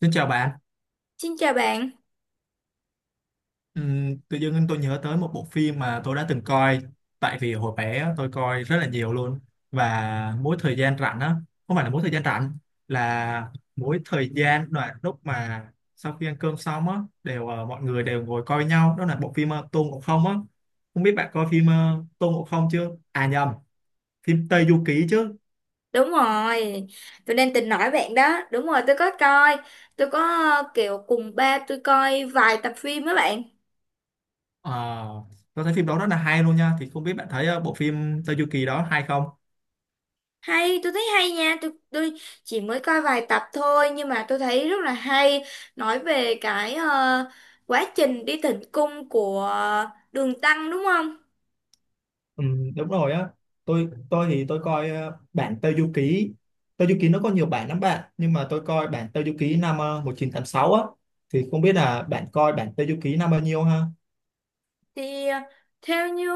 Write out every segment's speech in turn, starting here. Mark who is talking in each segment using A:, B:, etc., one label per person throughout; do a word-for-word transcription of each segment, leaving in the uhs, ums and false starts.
A: Xin chào bạn.
B: Xin chào bạn.
A: Ừm, tự dưng tôi nhớ tới một bộ phim mà tôi đã từng coi, tại vì hồi bé tôi coi rất là nhiều luôn, và mỗi thời gian rảnh á, không phải là mỗi thời gian rảnh, là mỗi thời gian đoạn lúc mà sau khi ăn cơm xong á đều, ờ, mọi người đều ngồi coi nhau. Đó là bộ phim ờ, Tôn Ngộ Không á. Không biết bạn coi phim ờ, Tôn Ngộ Không chưa, à nhầm, phim Tây Du Ký chứ.
B: Đúng rồi, tôi đang tính nói bạn đó. Đúng rồi, tôi có coi. Tôi có ờ, kiểu cùng ba tôi coi vài tập phim với bạn.
A: Ờ, tôi thấy phim đó rất là hay luôn nha, thì không biết bạn thấy ờ, bộ phim Tây Du Ký đó hay không.
B: Hay, tôi thấy hay nha. Tôi, tôi chỉ mới coi vài tập thôi nhưng mà tôi thấy rất là hay. Nói về cái ờ, quá trình đi thỉnh cung của Đường Tăng đúng không?
A: Ừ, đúng rồi á. Tôi tôi thì tôi coi ờ, bản Tây Du Ký, Tây Du Ký nó có nhiều bản lắm bạn, nhưng mà tôi coi bản Tây Du Ký năm ờ, một chín tám sáu á, thì không biết là bạn coi bản Tây Du Ký năm bao nhiêu ha.
B: Thì ờ, theo như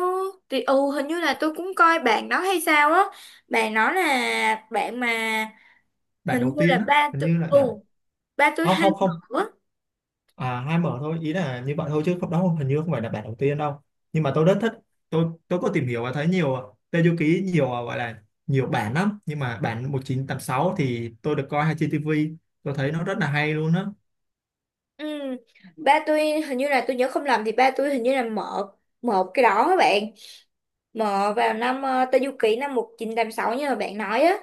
B: thì ừ hình như là tôi cũng coi bạn đó hay sao á. Bạn nói là bạn mà
A: Bản
B: hình
A: đầu
B: như
A: tiên
B: là
A: á,
B: ba
A: hình
B: tôi
A: như là
B: ừ
A: bản,
B: ba tôi
A: không
B: hay
A: không không,
B: mở.
A: à hai mở thôi, ý là như vậy thôi chứ không, đó hình như không phải là bản đầu tiên đâu, nhưng mà tôi rất thích. Tôi tôi có tìm hiểu và thấy nhiều ờ, Tây Du Ký, nhiều ờ, gọi là nhiều bản lắm, nhưng mà bản một chín tám sáu thì tôi được coi hay trên ti vi, tôi thấy nó rất là hay luôn á.
B: Ừ. Ba tôi hình như là tôi nhớ không lầm thì ba tôi hình như là mở một cái đó các bạn, mở vào năm ờ, Tây Du Ký năm một chín tám sáu như là bạn nói á.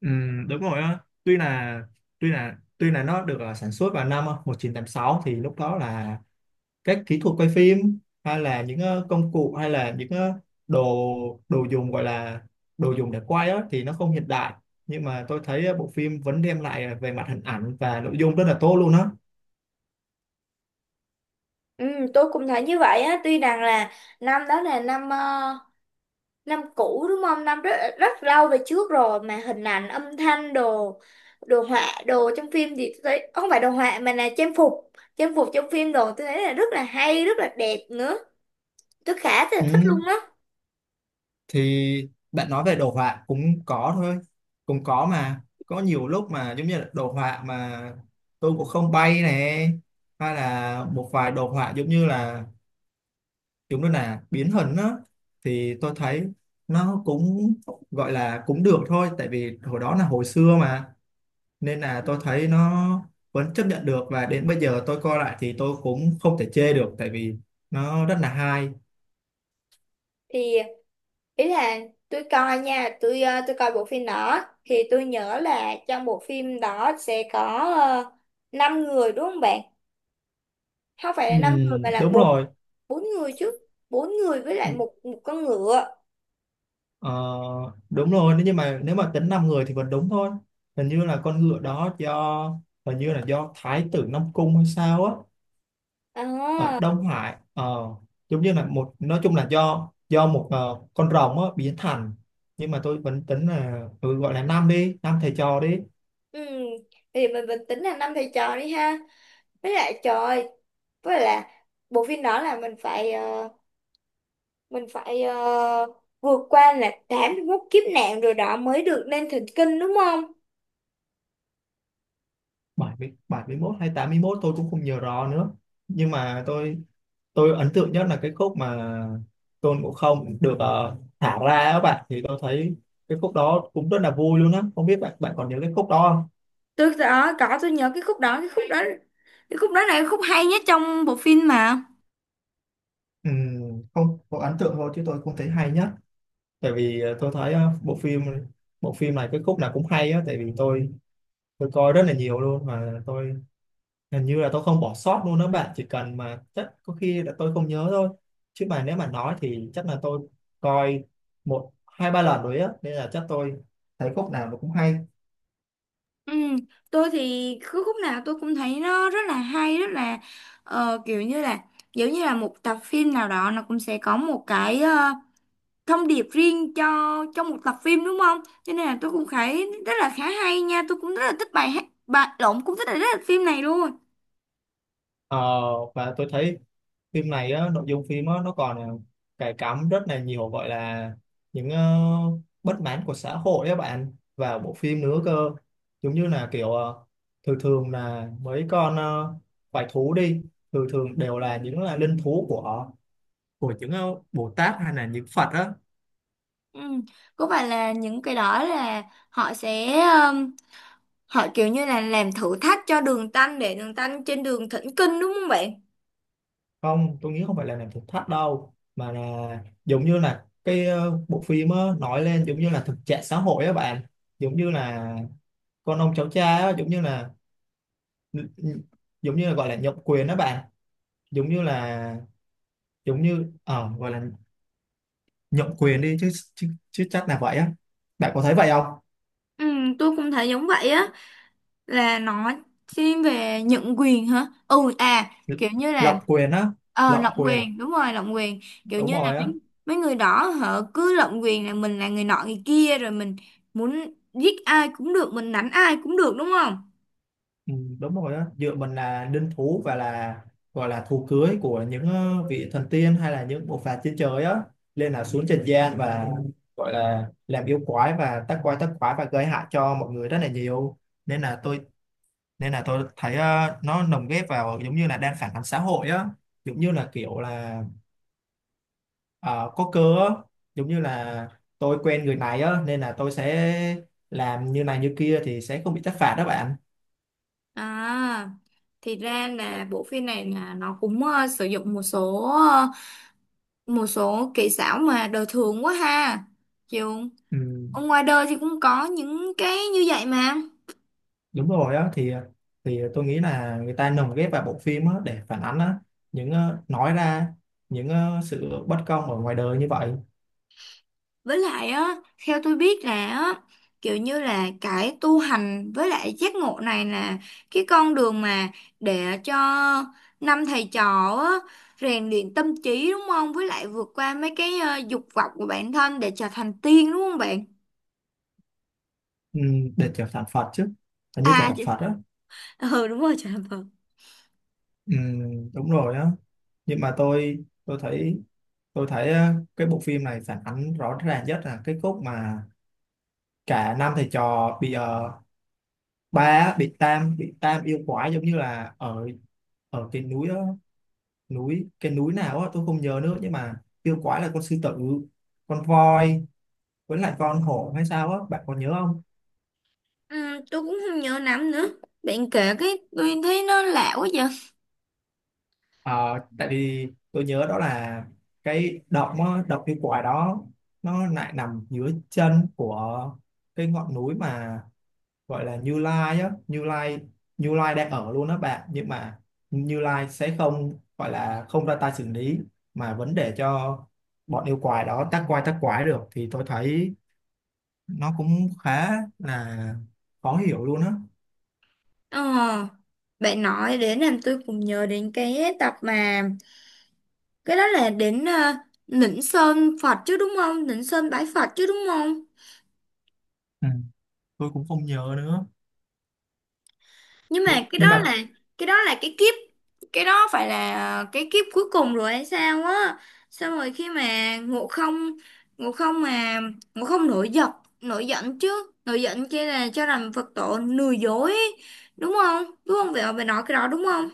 A: Ừ, đúng rồi á. Tuy là tuy là tuy là nó được ờ, sản xuất vào năm ờ, một chín tám sáu, thì lúc đó là các kỹ thuật quay phim hay là những ờ, công cụ, hay là những ờ, đồ, đồ dùng, gọi là đồ dùng để quay á, thì nó không hiện đại. Nhưng mà tôi thấy ờ, bộ phim vẫn đem lại ờ, về mặt hình ảnh và nội dung rất là tốt luôn á.
B: Ừ, tôi cũng thấy như vậy á, tuy rằng là năm đó là năm ờ, năm cũ đúng không, năm rất rất lâu về trước rồi mà hình ảnh, âm thanh, đồ đồ họa đồ trong phim thì tôi thấy không phải đồ họa mà là trang phục, trang phục trong phim đồ, tôi thấy là rất là hay, rất là đẹp nữa. Tôi khá là thích
A: Ừ.
B: luôn á.
A: Thì bạn nói về đồ họa cũng có thôi, cũng có mà, có nhiều lúc mà giống như là đồ họa mà tôi cũng không bay này, hay là một vài đồ họa giống như là, giống như là biến hình đó, thì tôi thấy nó cũng gọi là cũng được thôi, tại vì hồi đó là hồi xưa mà, nên là tôi thấy nó vẫn chấp nhận được, và đến bây giờ tôi coi lại thì tôi cũng không thể chê được, tại vì nó rất là hay.
B: Thì ý là tôi coi nha, tôi ờ, tôi coi bộ phim đó thì tôi nhớ là trong bộ phim đó sẽ có uh, năm người đúng không bạn? Không phải
A: Ừ,
B: là năm người mà là
A: đúng
B: bốn.
A: rồi.
B: Bốn người chứ. Bốn người với lại một, một con ngựa.
A: Ờ, đúng rồi, nếu như mà nếu mà tính năm người thì vẫn đúng thôi, hình như là con ngựa đó do, hình như là do thái tử Nam Cung hay sao á, ở
B: À,
A: Đông Hải, ờ, giống như là một, nói chung là do do một ờ, con rồng á biến thành. Nhưng mà tôi vẫn tính là ừ, gọi là năm đi, năm thầy trò đi.
B: ừ. Thì mình, mình tính là năm thầy trò đi ha. Với lại trời ơi, với lại là bộ phim đó là mình phải ờ, mình phải ờ, vượt qua là tám mươi mốt kiếp nạn rồi đó mới được lên thỉnh kinh đúng không?
A: Bảy, bảy mươi, bảy mươi, bảy mốt hay tám mốt tôi cũng không nhớ rõ nữa, nhưng mà tôi tôi ấn tượng nhất là cái khúc mà Tôn Ngộ Không được ờ, thả ra các bạn, thì tôi thấy cái khúc đó cũng rất là vui luôn á. Không biết bạn bạn còn nhớ cái khúc đó không?
B: Tôi đó có, tôi nhớ cái khúc đó. Cái khúc đó, cái khúc đó là cái khúc hay nhất trong bộ phim mà.
A: Ừm, không có ấn tượng thôi chứ tôi không thấy hay nhất. Tại vì ờ, tôi thấy ờ, bộ phim, bộ phim này cái khúc nào cũng hay á, tại vì tôi tôi coi rất là nhiều luôn, mà tôi hình như là tôi không bỏ sót luôn đó bạn, chỉ cần mà chắc có khi là tôi không nhớ thôi, chứ mà nếu mà nói thì chắc là tôi coi một hai ba lần rồi á, nên là chắc tôi thấy khúc nào nó cũng hay.
B: Ừ, tôi thì cứ khúc nào tôi cũng thấy nó rất là hay, rất là ờ, kiểu như là, giống như là một tập phim nào đó nó cũng sẽ có một cái ờ, thông điệp riêng cho trong một tập phim đúng không, cho nên là tôi cũng thấy rất là khá hay nha. Tôi cũng rất là thích bài hát, bài lộn, cũng thích là rất là phim này luôn.
A: Ờ, và tôi thấy phim này á, nội dung phim á, nó còn ờ, cài cắm rất là nhiều, gọi là những ờ, bất mãn của xã hội các bạn vào bộ phim nữa cơ. Giống như là kiểu ờ, thường thường là mấy con ờ, quái thú đi, thường thường đều là những là linh thú của, của những ờ, Bồ Tát hay là những Phật á.
B: Ừ. Có phải là những cái đó là họ sẽ, họ kiểu như là làm thử thách cho đường tanh để đường tanh trên đường thỉnh kinh đúng không bạn?
A: Không, tôi nghĩ không phải là làm thực thắt đâu, mà là giống như là cái ờ, bộ phim á, nói lên giống như là thực trạng xã hội á bạn. Giống như là con ông cháu cha á, giống như là, giống như là gọi là nhượng quyền đó bạn, giống như là, giống như ờ gọi là nhượng quyền đi chứ chứ, chứ chắc là vậy á, bạn có thấy vậy không?
B: Ừ, tôi cũng thấy giống vậy á. Là nó thiên về nhận quyền hả? Ừ, à, kiểu như là
A: Lộng quyền á,
B: ờ
A: lộng
B: lộng
A: quyền,
B: quyền. Đúng rồi, lộng quyền. Kiểu
A: đúng
B: như là
A: rồi á.
B: mấy mấy người đó họ cứ lộng quyền, là mình là người nọ người kia rồi mình muốn giết ai cũng được, mình đánh ai cũng được, đúng không?
A: Ừ, đúng rồi á. Dựa mình là linh thú, và là gọi là thú cưới của những ờ, vị thần tiên hay là những bộ phạt trên trời á, lên là xuống trần gian, và gọi là làm yêu quái và tác quái, tác quái và gây hại cho mọi người rất là nhiều. Nên là tôi nên là tôi thấy ờ, nó lồng ghép vào giống như là đang phản ánh xã hội á. Giống như là kiểu là ờ, có cơ á, giống như là tôi quen người này á, nên là tôi sẽ làm như này như kia thì sẽ không bị trách phạt đó bạn.
B: À, thì ra là bộ phim này là nó cũng ờ, sử dụng một số một số kỹ xảo mà đời thường quá ha. Chịu.
A: Ừ,
B: Ở ngoài đời thì cũng có những cái như vậy mà.
A: đúng rồi á. Thì thì tôi nghĩ là người ta lồng ghép vào bộ phim á để phản ánh á những ờ, nói ra những ờ, sự bất công ở ngoài đời như vậy.
B: Với lại á, theo tôi biết là á, kiểu như là cái tu hành với lại giác ngộ này là cái con đường mà để cho năm thầy trò á rèn luyện tâm trí đúng không, với lại vượt qua mấy cái ờ, dục vọng của bản thân để trở thành tiên đúng không bạn?
A: Ừ, để trở thành Phật chứ, hình như trở
B: à
A: thành
B: chị-
A: Phật á.
B: ừ đúng rồi, trở thành Phật.
A: Ừ, đúng rồi á. Nhưng mà tôi tôi thấy tôi thấy ờ, cái bộ phim này phản ánh rõ ràng nhất là cái khúc mà cả năm thầy trò bị ờ, ba á, bị tam bị tam yêu quái, giống như là ở, ở cái núi đó, núi, cái núi nào á tôi không nhớ nữa, nhưng mà yêu quái là con sư tử, con voi, với lại con hổ hay sao á, bạn còn nhớ không?
B: Ừ, tôi cũng không nhớ lắm nữa. Bạn kể cái tôi thấy nó lạ quá vậy.
A: Ờ, tại vì tôi nhớ đó là cái động á, động yêu quái đó nó lại nằm dưới chân của cái ngọn núi mà gọi là Như Lai á, Như Lai Như Lai đang ở luôn đó bạn, nhưng mà Như Lai sẽ không, gọi là không ra tay xử lý, mà vẫn để cho bọn yêu quái đó tác quái, tác quái được, thì tôi thấy nó cũng khá là khó hiểu luôn á.
B: Ờ, bạn nói đến làm tôi cũng nhớ đến cái tập mà, cái đó là đến uh, Lĩnh Sơn Phật chứ đúng không? Lĩnh Sơn bái Phật chứ đúng không?
A: Ừ. Tôi cũng không nhớ nữa.
B: Nhưng mà
A: Nh
B: cái
A: nhưng
B: đó là
A: mà
B: cái đó là cái kiếp, cái đó phải là ờ, cái kiếp cuối cùng rồi hay sao á? Xong rồi khi mà Ngộ Không Ngộ Không mà Ngộ Không nổi giận, nổi giận chứ, nổi giận kia là cho rằng Phật tổ lừa dối ấy. Đúng không? Đúng không? Vậy mà bạn nói cái đó đúng không?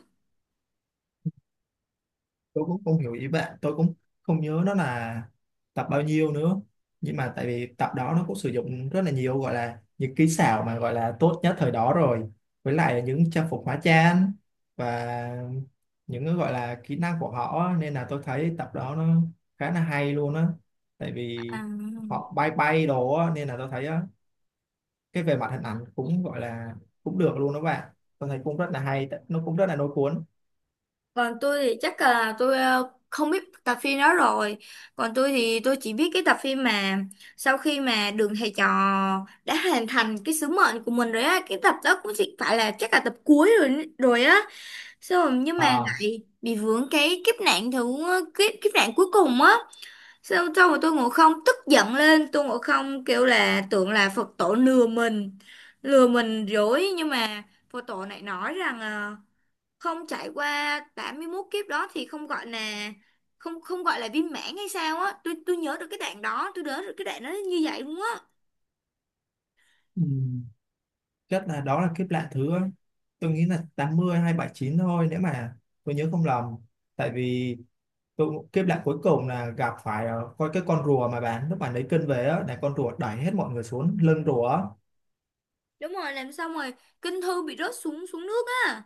A: tôi cũng không hiểu ý bạn, tôi cũng không nhớ nó là tập bao nhiêu nữa, nhưng mà tại vì tập đó nó cũng sử dụng rất là nhiều gọi là những kỹ xảo mà gọi là tốt nhất thời đó rồi, với lại là những trang phục hóa trang và những cái gọi là kỹ năng của họ á. Nên là tôi thấy tập đó nó khá là hay luôn á, tại vì
B: À.
A: họ bay bay đồ á, nên là tôi thấy á cái về mặt hình ảnh cũng gọi là cũng được luôn đó bạn, tôi thấy cũng rất là hay, nó cũng rất là lôi cuốn.
B: Còn tôi thì chắc là tôi ờ, không biết tập phim đó rồi. Còn tôi thì tôi chỉ biết cái tập phim mà sau khi mà Đường Thầy Trò đã hoàn thành cái sứ mệnh của mình rồi á, cái tập đó cũng chỉ phải là, chắc là tập cuối rồi rồi á. Xong rồi nhưng mà
A: À.
B: lại bị vướng cái kiếp nạn thứ, kiếp kiếp nạn cuối cùng á. Xong xong rồi tôi ngồi không tức giận lên, tôi ngồi không kêu là tưởng là Phật tổ lừa mình, lừa mình dối nhưng mà Phật tổ lại nói rằng ờ, không trải qua tám mươi mốt kiếp đó thì không gọi là, không không gọi là viên mãn hay sao á. Tôi tôi nhớ được cái đoạn đó, tôi nhớ được cái đoạn đó như vậy luôn á.
A: Ừ. Chắc là đó là kiếp lạ thứ, tôi nghĩ là tám mươi hay bảy chín thôi, nếu mà tôi nhớ không lầm. Tại vì tôi, kiếp lạ cuối cùng là gặp phải ờ, coi cái con rùa mà bạn lúc bạn lấy cân về á, là con rùa đẩy hết mọi người xuống lưng rùa á.
B: Đúng rồi, làm xong rồi kinh thư bị rớt xuống xuống nước á,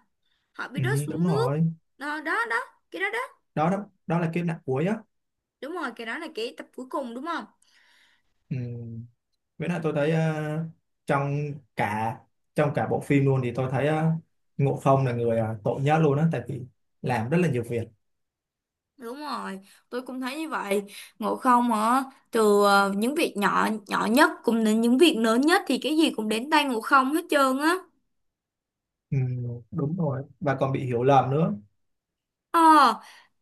B: họ bị
A: Ừ,
B: rớt
A: đúng
B: xuống nước.
A: rồi.
B: Đó đó đó, cái đó đó.
A: Đó đó, đó là kiếp nạn cuối á.
B: Đúng rồi, cái đó là cái tập cuối cùng đúng không?
A: Ừ. Với lại tôi thấy ờ, trong cả, trong cả bộ phim luôn, thì tôi thấy ờ, Ngộ Không là người ờ, tội nhất luôn á, tại vì làm rất là nhiều việc.
B: Đúng rồi, tôi cũng thấy như vậy. Ngộ Không hả? Từ ờ, những việc nhỏ nhỏ nhất cũng đến những việc lớn nhất thì cái gì cũng đến tay ngộ không hết trơn á.
A: Ừ, đúng rồi, và còn bị hiểu lầm nữa.
B: Ờ,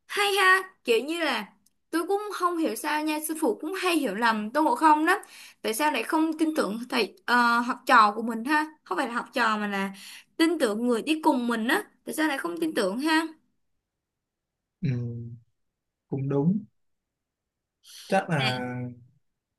B: hay ha. Kiểu như là tôi cũng không hiểu sao nha, sư phụ cũng hay hiểu lầm Tôn Ngộ Không lắm. Tại sao lại không tin tưởng thầy ờ, học trò của mình ha, không phải là học trò mà là tin tưởng người đi cùng mình á, tại sao lại không tin tưởng ha?
A: Ừ, cũng đúng. chắc là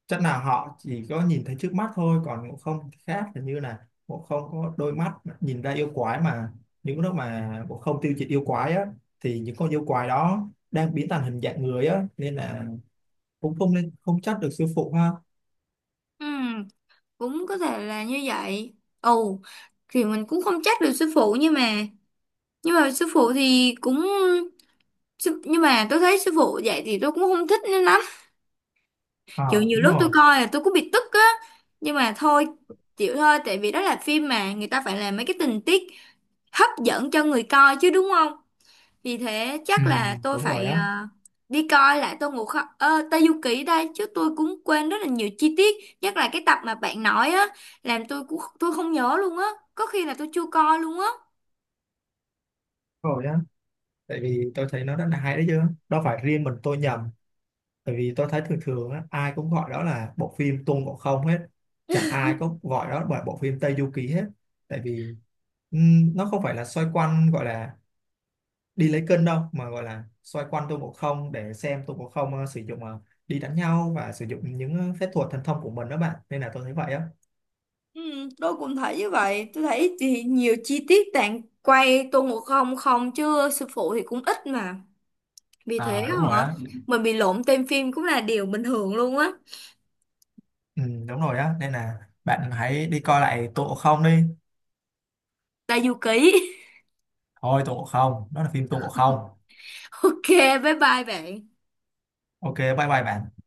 A: chắc là họ chỉ có nhìn thấy trước mắt thôi, còn Ngộ Không thì khác, là như là Ngộ Không có đôi mắt nhìn ra yêu quái mà, những lúc mà Ngộ Không tiêu diệt yêu quái á thì những con yêu quái đó đang biến thành hình dạng người á, nên là cũng không nên, không trách được sư phụ ha.
B: Ừ, cũng có thể là như vậy. Ồ, thì mình cũng không trách được sư phụ, nhưng mà nhưng mà sư phụ thì cũng sư- nhưng mà tôi thấy sư phụ dạy thì tôi cũng không thích lắm.
A: À,
B: Kiểu nhiều
A: đúng
B: lúc tôi
A: rồi.
B: coi là tôi cũng bị tức á, nhưng mà thôi, chịu thôi tại vì đó là phim mà người ta phải làm mấy cái tình tiết hấp dẫn cho người coi chứ đúng không? Vì thế
A: Ừ,
B: chắc là tôi
A: đúng rồi
B: phải ờ,
A: á,
B: đi coi lại Tô Ngộ Không, ờ, Tây Du Ký đây chứ. Tôi cũng quên rất là nhiều chi tiết, nhất là cái tập mà bạn nói á làm tôi cũng, tôi không nhớ luôn á, có khi là tôi chưa coi luôn á.
A: đúng rồi á. Tại vì tôi thấy nó rất là hay đấy chứ, đâu phải riêng mình tôi nhầm. Tại vì tôi thấy thường thường á, ai cũng gọi đó là bộ phim Tôn Ngộ Không hết. Chẳng ai có gọi đó là bộ phim Tây Du Ký hết. Tại vì ừm, nó không phải là xoay quanh gọi là đi lấy cân đâu, mà gọi là xoay quanh Tôn Ngộ Không để xem Tôn Ngộ Không ờ, sử dụng ờ, đi đánh nhau và sử dụng những ờ, phép thuật thần thông của mình đó bạn. Nên là tôi thấy vậy á.
B: Ừ, tôi cũng thấy như vậy. Tôi thấy thì nhiều chi tiết bạn quay Tô Ngộ Không không chứ sư phụ thì cũng ít mà. Vì thế
A: À đúng rồi
B: hả?
A: á.
B: Mình bị lộn tên phim cũng là điều bình thường luôn á.
A: Ừ, đúng rồi á. Nên là bạn hãy đi coi lại Tôn Ngộ Không đi.
B: Tayuki.
A: Thôi Tôn Ngộ Không, đó là phim Tôn Ngộ Không.
B: Ok, bye bye bạn.
A: Ok, bye bye bạn.